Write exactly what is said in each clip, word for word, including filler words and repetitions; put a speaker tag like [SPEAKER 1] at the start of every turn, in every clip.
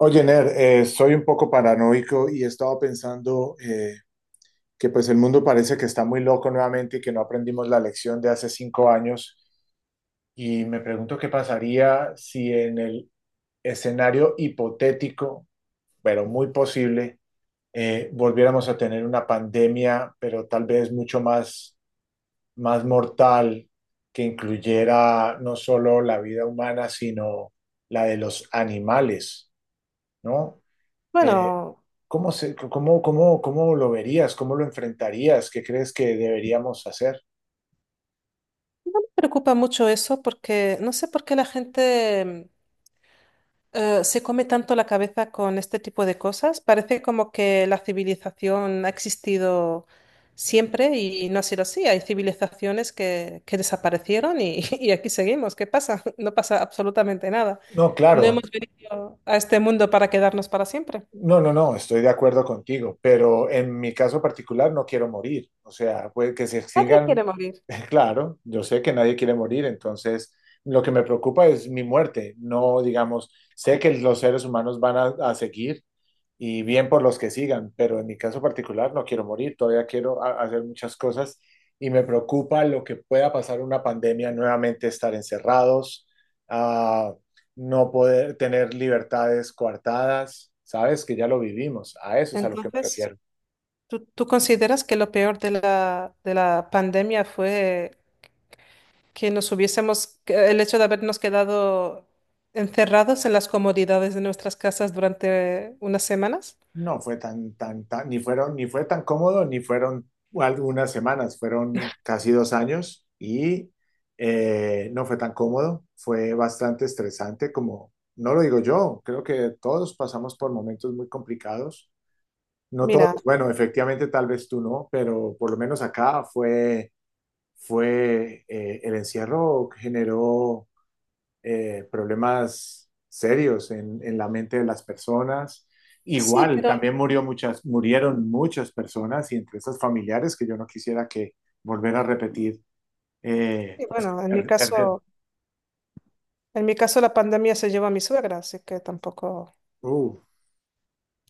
[SPEAKER 1] Oye, Ner, eh, soy un poco paranoico y he estado pensando eh, que pues el mundo parece que está muy loco nuevamente y que no aprendimos la lección de hace cinco años. Y me pregunto qué pasaría si en el escenario hipotético, pero muy posible, eh, volviéramos a tener una pandemia, pero tal vez mucho más, más mortal, que incluyera no solo la vida humana, sino la de los animales, ¿no? Eh,
[SPEAKER 2] Bueno,
[SPEAKER 1] ¿Cómo se, cómo, cómo, cómo lo verías? ¿Cómo lo enfrentarías? ¿Qué crees que deberíamos hacer?
[SPEAKER 2] no me preocupa mucho eso porque no sé por qué la gente eh, se come tanto la cabeza con este tipo de cosas. Parece como que la civilización ha existido siempre y no ha sido así. Hay civilizaciones que, que desaparecieron y, y aquí seguimos. ¿Qué pasa? No pasa absolutamente nada.
[SPEAKER 1] No,
[SPEAKER 2] No
[SPEAKER 1] claro,
[SPEAKER 2] hemos venido a este mundo para quedarnos para siempre.
[SPEAKER 1] no, no, no, estoy de acuerdo contigo, pero en mi caso particular no quiero morir. O sea, pues que se
[SPEAKER 2] Nadie
[SPEAKER 1] extingan,
[SPEAKER 2] quiere morir.
[SPEAKER 1] claro, yo sé que nadie quiere morir, entonces lo que me preocupa es mi muerte. No, digamos, sé que los seres humanos van a, a seguir y bien por los que sigan, pero en mi caso particular no quiero morir, todavía quiero ha- hacer muchas cosas y me preocupa lo que pueda pasar una pandemia, nuevamente estar encerrados, ah, no poder tener libertades coartadas, sabes que ya lo vivimos, a eso es a lo que me
[SPEAKER 2] Entonces,
[SPEAKER 1] refiero.
[SPEAKER 2] ¿tú, tú consideras que lo peor de la, de la pandemia fue que nos hubiésemos, que el hecho de habernos quedado encerrados en las comodidades de nuestras casas durante unas semanas.
[SPEAKER 1] No fue tan, tan, tan, ni fueron, ni fue tan cómodo, ni fueron algunas semanas, fueron casi dos años y eh, no fue tan cómodo, fue bastante estresante, como no lo digo yo, creo que todos pasamos por momentos muy complicados, no
[SPEAKER 2] Mira,
[SPEAKER 1] todos, bueno, efectivamente tal vez tú no, pero por lo menos acá fue, fue, eh, el encierro generó eh, problemas serios en, en la mente de las personas.
[SPEAKER 2] sí,
[SPEAKER 1] Igual,
[SPEAKER 2] pero
[SPEAKER 1] también murió muchas, murieron muchas personas y entre esas familiares que yo no quisiera que volver a repetir, eh,
[SPEAKER 2] sí,
[SPEAKER 1] pues
[SPEAKER 2] bueno, en mi
[SPEAKER 1] per- perder.
[SPEAKER 2] caso, en mi caso la pandemia se llevó a mi suegra, así que tampoco,
[SPEAKER 1] Uh.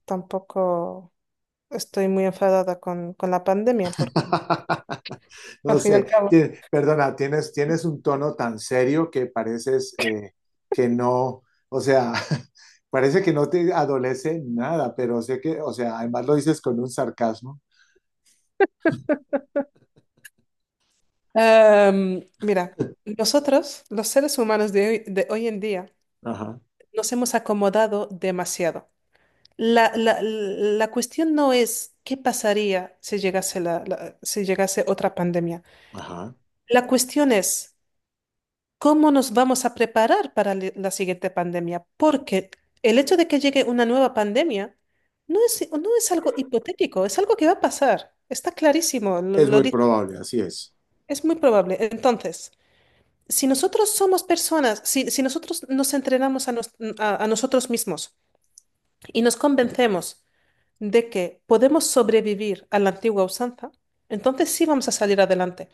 [SPEAKER 2] tampoco estoy muy enfadada con, con la pandemia, porque al
[SPEAKER 1] No
[SPEAKER 2] fin y al
[SPEAKER 1] sé,
[SPEAKER 2] cabo.
[SPEAKER 1] ti- perdona, tienes, tienes un tono tan serio que pareces eh, que no, o sea, parece que no te adolece nada, pero sé que, o sea, además lo dices con un sarcasmo.
[SPEAKER 2] Em, mira, nosotros, los seres humanos de hoy, de hoy en día,
[SPEAKER 1] Ajá,
[SPEAKER 2] nos hemos acomodado demasiado. La, la- la cuestión no es qué pasaría si llegase la, la- si llegase otra pandemia.
[SPEAKER 1] ajá.
[SPEAKER 2] La cuestión es cómo nos vamos a preparar para li- la siguiente pandemia, porque el hecho de que llegue una nueva pandemia no es, no es algo hipotético, es algo que va a pasar. Está clarísimo, lo,
[SPEAKER 1] Es
[SPEAKER 2] lo
[SPEAKER 1] muy
[SPEAKER 2] dice,
[SPEAKER 1] probable, así es,
[SPEAKER 2] es muy probable. Entonces, si nosotros somos personas, si, si nosotros nos entrenamos a nos- a a nosotros mismos y nos convencemos de que podemos sobrevivir a la antigua usanza, entonces sí vamos a salir adelante.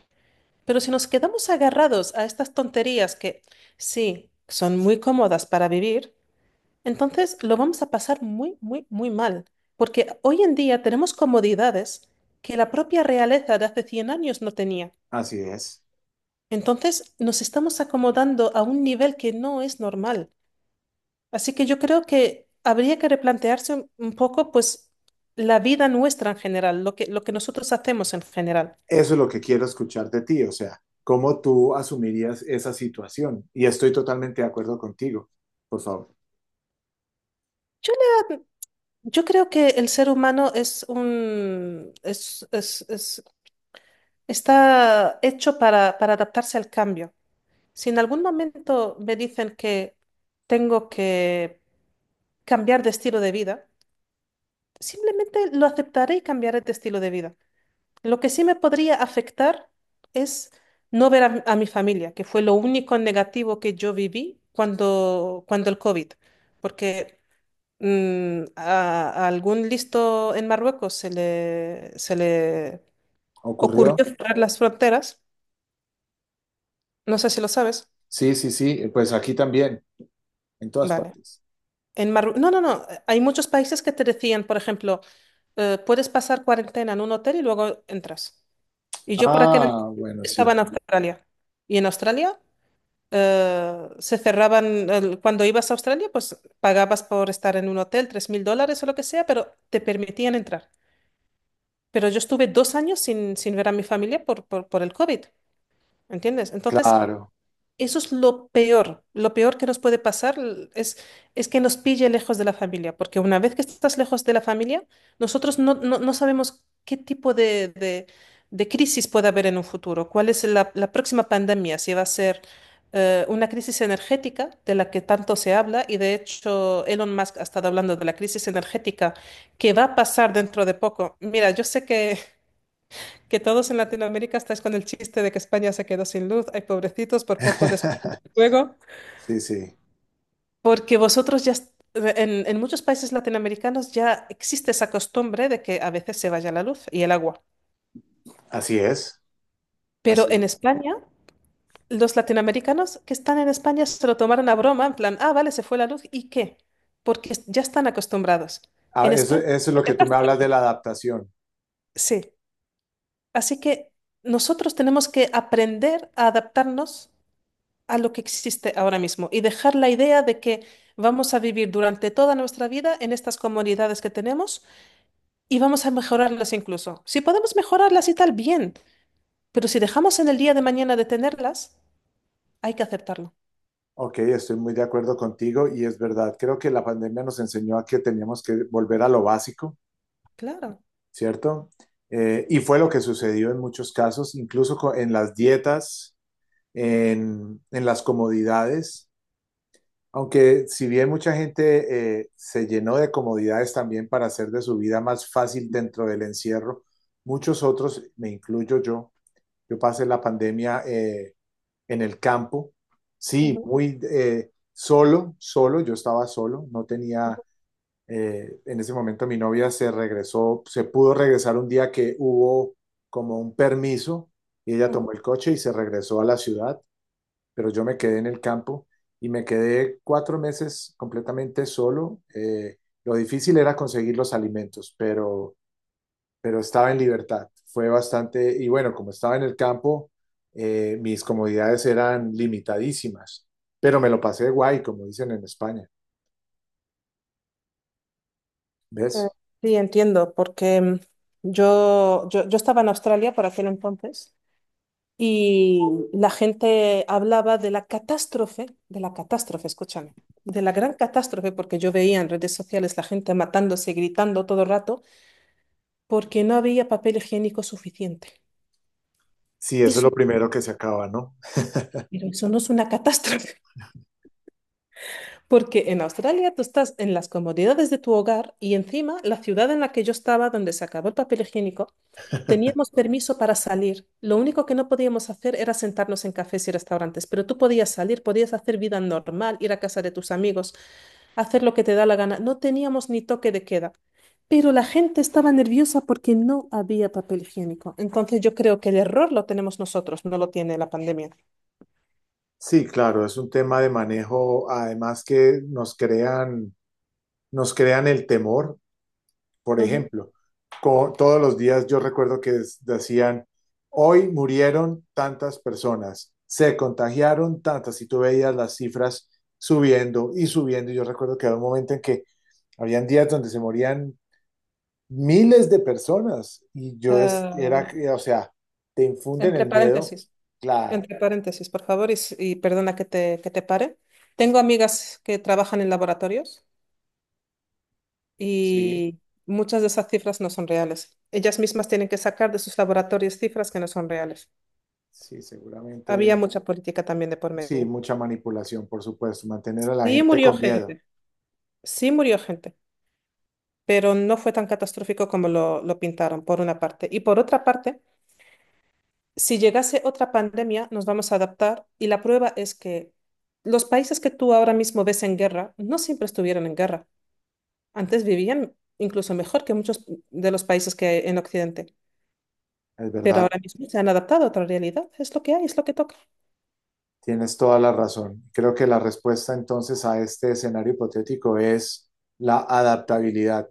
[SPEAKER 2] Pero si nos quedamos agarrados a estas tonterías que sí son muy cómodas para vivir, entonces lo vamos a pasar muy, muy, muy mal. Porque hoy en día tenemos comodidades que la propia realeza de hace cien años no tenía.
[SPEAKER 1] así es.
[SPEAKER 2] Entonces nos estamos acomodando a un nivel que no es normal. Así que yo creo que habría que replantearse un un poco, pues, la vida nuestra en general, lo que, lo que nosotros hacemos en general.
[SPEAKER 1] Eso es lo que quiero escuchar de ti, o sea, cómo tú asumirías esa situación. Y estoy totalmente de acuerdo contigo, por favor.
[SPEAKER 2] Yo, le- yo creo que el ser humano es un, es, es- es- está hecho para, para adaptarse al cambio. Si en algún momento me dicen que tengo que cambiar de estilo de vida, simplemente lo aceptaré y cambiaré de estilo de vida. Lo que sí me podría afectar es no ver a, a mi familia, que fue lo único negativo que yo viví cuando, cuando el COVID, porque mm, a, a algún listo en Marruecos se le, se le
[SPEAKER 1] ¿Ocurrió?
[SPEAKER 2] ocurrió cerrar las fronteras, no sé si lo sabes,
[SPEAKER 1] Sí, sí, sí, pues aquí también, en todas
[SPEAKER 2] vale.
[SPEAKER 1] partes.
[SPEAKER 2] En Marru- no, no, no, hay muchos países que te decían, por ejemplo, eh, puedes pasar cuarentena en un hotel y luego entras. Y yo por aquel
[SPEAKER 1] Ah,
[SPEAKER 2] entonces
[SPEAKER 1] bueno,
[SPEAKER 2] estaba
[SPEAKER 1] sí,
[SPEAKER 2] en Australia. Y en Australia eh, se cerraban, el- cuando ibas a Australia, pues pagabas por estar en un hotel tres mil dólares o lo que sea, pero te permitían entrar. Pero yo estuve dos años sin, sin ver a mi familia por, por, por el COVID, ¿entiendes? Entonces,
[SPEAKER 1] claro.
[SPEAKER 2] eso es lo peor, lo peor que nos puede pasar l- es, es que nos pille lejos de la familia, porque una vez que estás lejos de la familia, nosotros no, no, no sabemos qué tipo de, de- de crisis puede haber en un futuro, cuál es la, la próxima pandemia, si va a ser eh, una crisis energética de la que tanto se habla, y de hecho Elon Musk ha estado hablando de la crisis energética que va a pasar dentro de poco. Mira, yo sé que que todos en Latinoamérica estáis con el chiste de que España se quedó sin luz. Ay, pobrecitos, por poco descubren el fuego.
[SPEAKER 1] Sí, sí,
[SPEAKER 2] Porque vosotros ya, est- en, en muchos países latinoamericanos ya existe esa costumbre de que a veces se vaya la luz y el agua.
[SPEAKER 1] así es,
[SPEAKER 2] Pero
[SPEAKER 1] así
[SPEAKER 2] en
[SPEAKER 1] es.
[SPEAKER 2] España, los latinoamericanos que están en España se lo tomaron a broma, en plan, ah, vale, se fue la luz, ¿y qué? Porque es- ya están acostumbrados.
[SPEAKER 1] Ah,
[SPEAKER 2] En
[SPEAKER 1] eso,
[SPEAKER 2] España,
[SPEAKER 1] eso es lo que tú me hablas de la adaptación.
[SPEAKER 2] sí. Así que nosotros tenemos que aprender a adaptarnos a lo que existe ahora mismo y dejar la idea de que vamos a vivir durante toda nuestra vida en estas comunidades que tenemos y vamos a mejorarlas incluso. Si podemos mejorarlas y tal, bien, pero si dejamos en el día de mañana de tenerlas, hay que aceptarlo.
[SPEAKER 1] Ok, estoy muy de acuerdo contigo y es verdad, creo que la pandemia nos enseñó a que teníamos que volver a lo básico.
[SPEAKER 2] Claro.
[SPEAKER 1] ¿Cierto? Eh, y fue lo que sucedió en muchos casos, incluso co- en las dietas, en, en las comodidades, aunque si bien mucha gente eh, se llenó de comodidades también para hacer de su vida más fácil dentro del encierro, muchos otros, me incluyo yo, yo pasé la pandemia eh, en el campo, sí,
[SPEAKER 2] Ujú,
[SPEAKER 1] muy eh, solo, solo, yo estaba solo, no tenía
[SPEAKER 2] ujú,
[SPEAKER 1] eh, en ese momento mi novia se regresó, se pudo regresar un día que hubo como un permiso y ella
[SPEAKER 2] ujú.
[SPEAKER 1] tomó el coche y se regresó a la ciudad, pero yo me quedé en el campo y me quedé cuatro meses completamente solo. Eh, lo difícil era conseguir los alimentos, pero, pero, estaba en libertad. Fue bastante, y bueno, como estaba en el campo, eh, mis comodidades eran limitadísimas, pero me lo pasé guay, como dicen en España.
[SPEAKER 2] Eh,
[SPEAKER 1] ¿Ves?
[SPEAKER 2] Sí, entiendo, porque mm, yo, yo, yo estaba en Australia por aquel entonces. Y la gente hablaba de la catástrofe, de la catástrofe, escúchame, de la gran catástrofe, porque yo veía en redes sociales la gente matándose, gritando todo el rato, porque no había papel higiénico suficiente.
[SPEAKER 1] Sí, eso es
[SPEAKER 2] Eso,
[SPEAKER 1] lo primero que se acaba, ¿no?
[SPEAKER 2] pero eso no es una catástrofe, porque en Australia tú estás en las comodidades de tu hogar y encima la ciudad en la que yo estaba, donde se acabó el papel higiénico, teníamos permiso para salir. Lo único que no podíamos hacer era sentarnos en cafés y restaurantes, pero tú podías salir, podías hacer vida normal, ir a casa de tus amigos, hacer lo que te da la gana. No teníamos ni toque de queda. Pero la gente estaba nerviosa porque no había papel higiénico. Entonces yo creo que el error lo tenemos nosotros, no lo tiene la pandemia.
[SPEAKER 1] Sí, claro, es un tema de manejo, además que nos crean, nos crean el temor. Por
[SPEAKER 2] Ujú.
[SPEAKER 1] ejemplo, co- todos los días yo recuerdo que es- decían, hoy murieron tantas personas, se contagiaron tantas, y tú veías las cifras subiendo y subiendo. Y yo recuerdo que había un momento en que habían días donde se morían miles de personas y yo es, era,
[SPEAKER 2] Eh,
[SPEAKER 1] o sea, te infunden
[SPEAKER 2] entre
[SPEAKER 1] el miedo,
[SPEAKER 2] paréntesis,
[SPEAKER 1] claro,
[SPEAKER 2] entre paréntesis, por favor, y, s- y perdona que te, que te pare. Tengo amigas que trabajan en laboratorios
[SPEAKER 1] sí,
[SPEAKER 2] y muchas de esas cifras no son reales. Ellas mismas tienen que sacar de sus laboratorios cifras que no son reales.
[SPEAKER 1] sí,
[SPEAKER 2] Había
[SPEAKER 1] seguramente.
[SPEAKER 2] mucha política también de por
[SPEAKER 1] Sí,
[SPEAKER 2] medio.
[SPEAKER 1] mucha manipulación, por supuesto, mantener a la
[SPEAKER 2] Sí
[SPEAKER 1] gente
[SPEAKER 2] murió
[SPEAKER 1] con miedo,
[SPEAKER 2] gente, sí murió gente, pero no fue tan catastrófico como lo, lo pintaron, por una parte. Y por otra parte, si llegase otra pandemia, nos vamos a adaptar y la prueba es que los países que tú ahora mismo ves en guerra no siempre estuvieron en guerra. Antes vivían incluso mejor que muchos de los países que hay en Occidente.
[SPEAKER 1] es
[SPEAKER 2] Pero
[SPEAKER 1] verdad,
[SPEAKER 2] ahora mismo se han adaptado a otra realidad. Es lo que hay, es lo que toca.
[SPEAKER 1] tienes toda la razón. Creo que la respuesta entonces a este escenario hipotético es la adaptabilidad,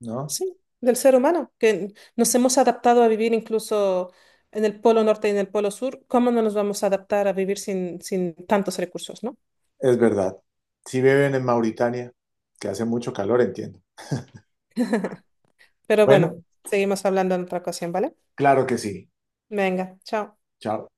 [SPEAKER 1] ¿no?
[SPEAKER 2] Sí, del ser humano, que nos hemos adaptado a vivir incluso en el polo norte y en el polo sur. ¿Cómo no nos vamos a adaptar a vivir sin, sin tantos recursos, no?
[SPEAKER 1] Es verdad. Si viven en Mauritania, que hace mucho calor, entiendo.
[SPEAKER 2] Pero bueno,
[SPEAKER 1] Bueno,
[SPEAKER 2] seguimos hablando en otra ocasión, ¿vale?
[SPEAKER 1] claro que sí.
[SPEAKER 2] Venga, chao.
[SPEAKER 1] Chao.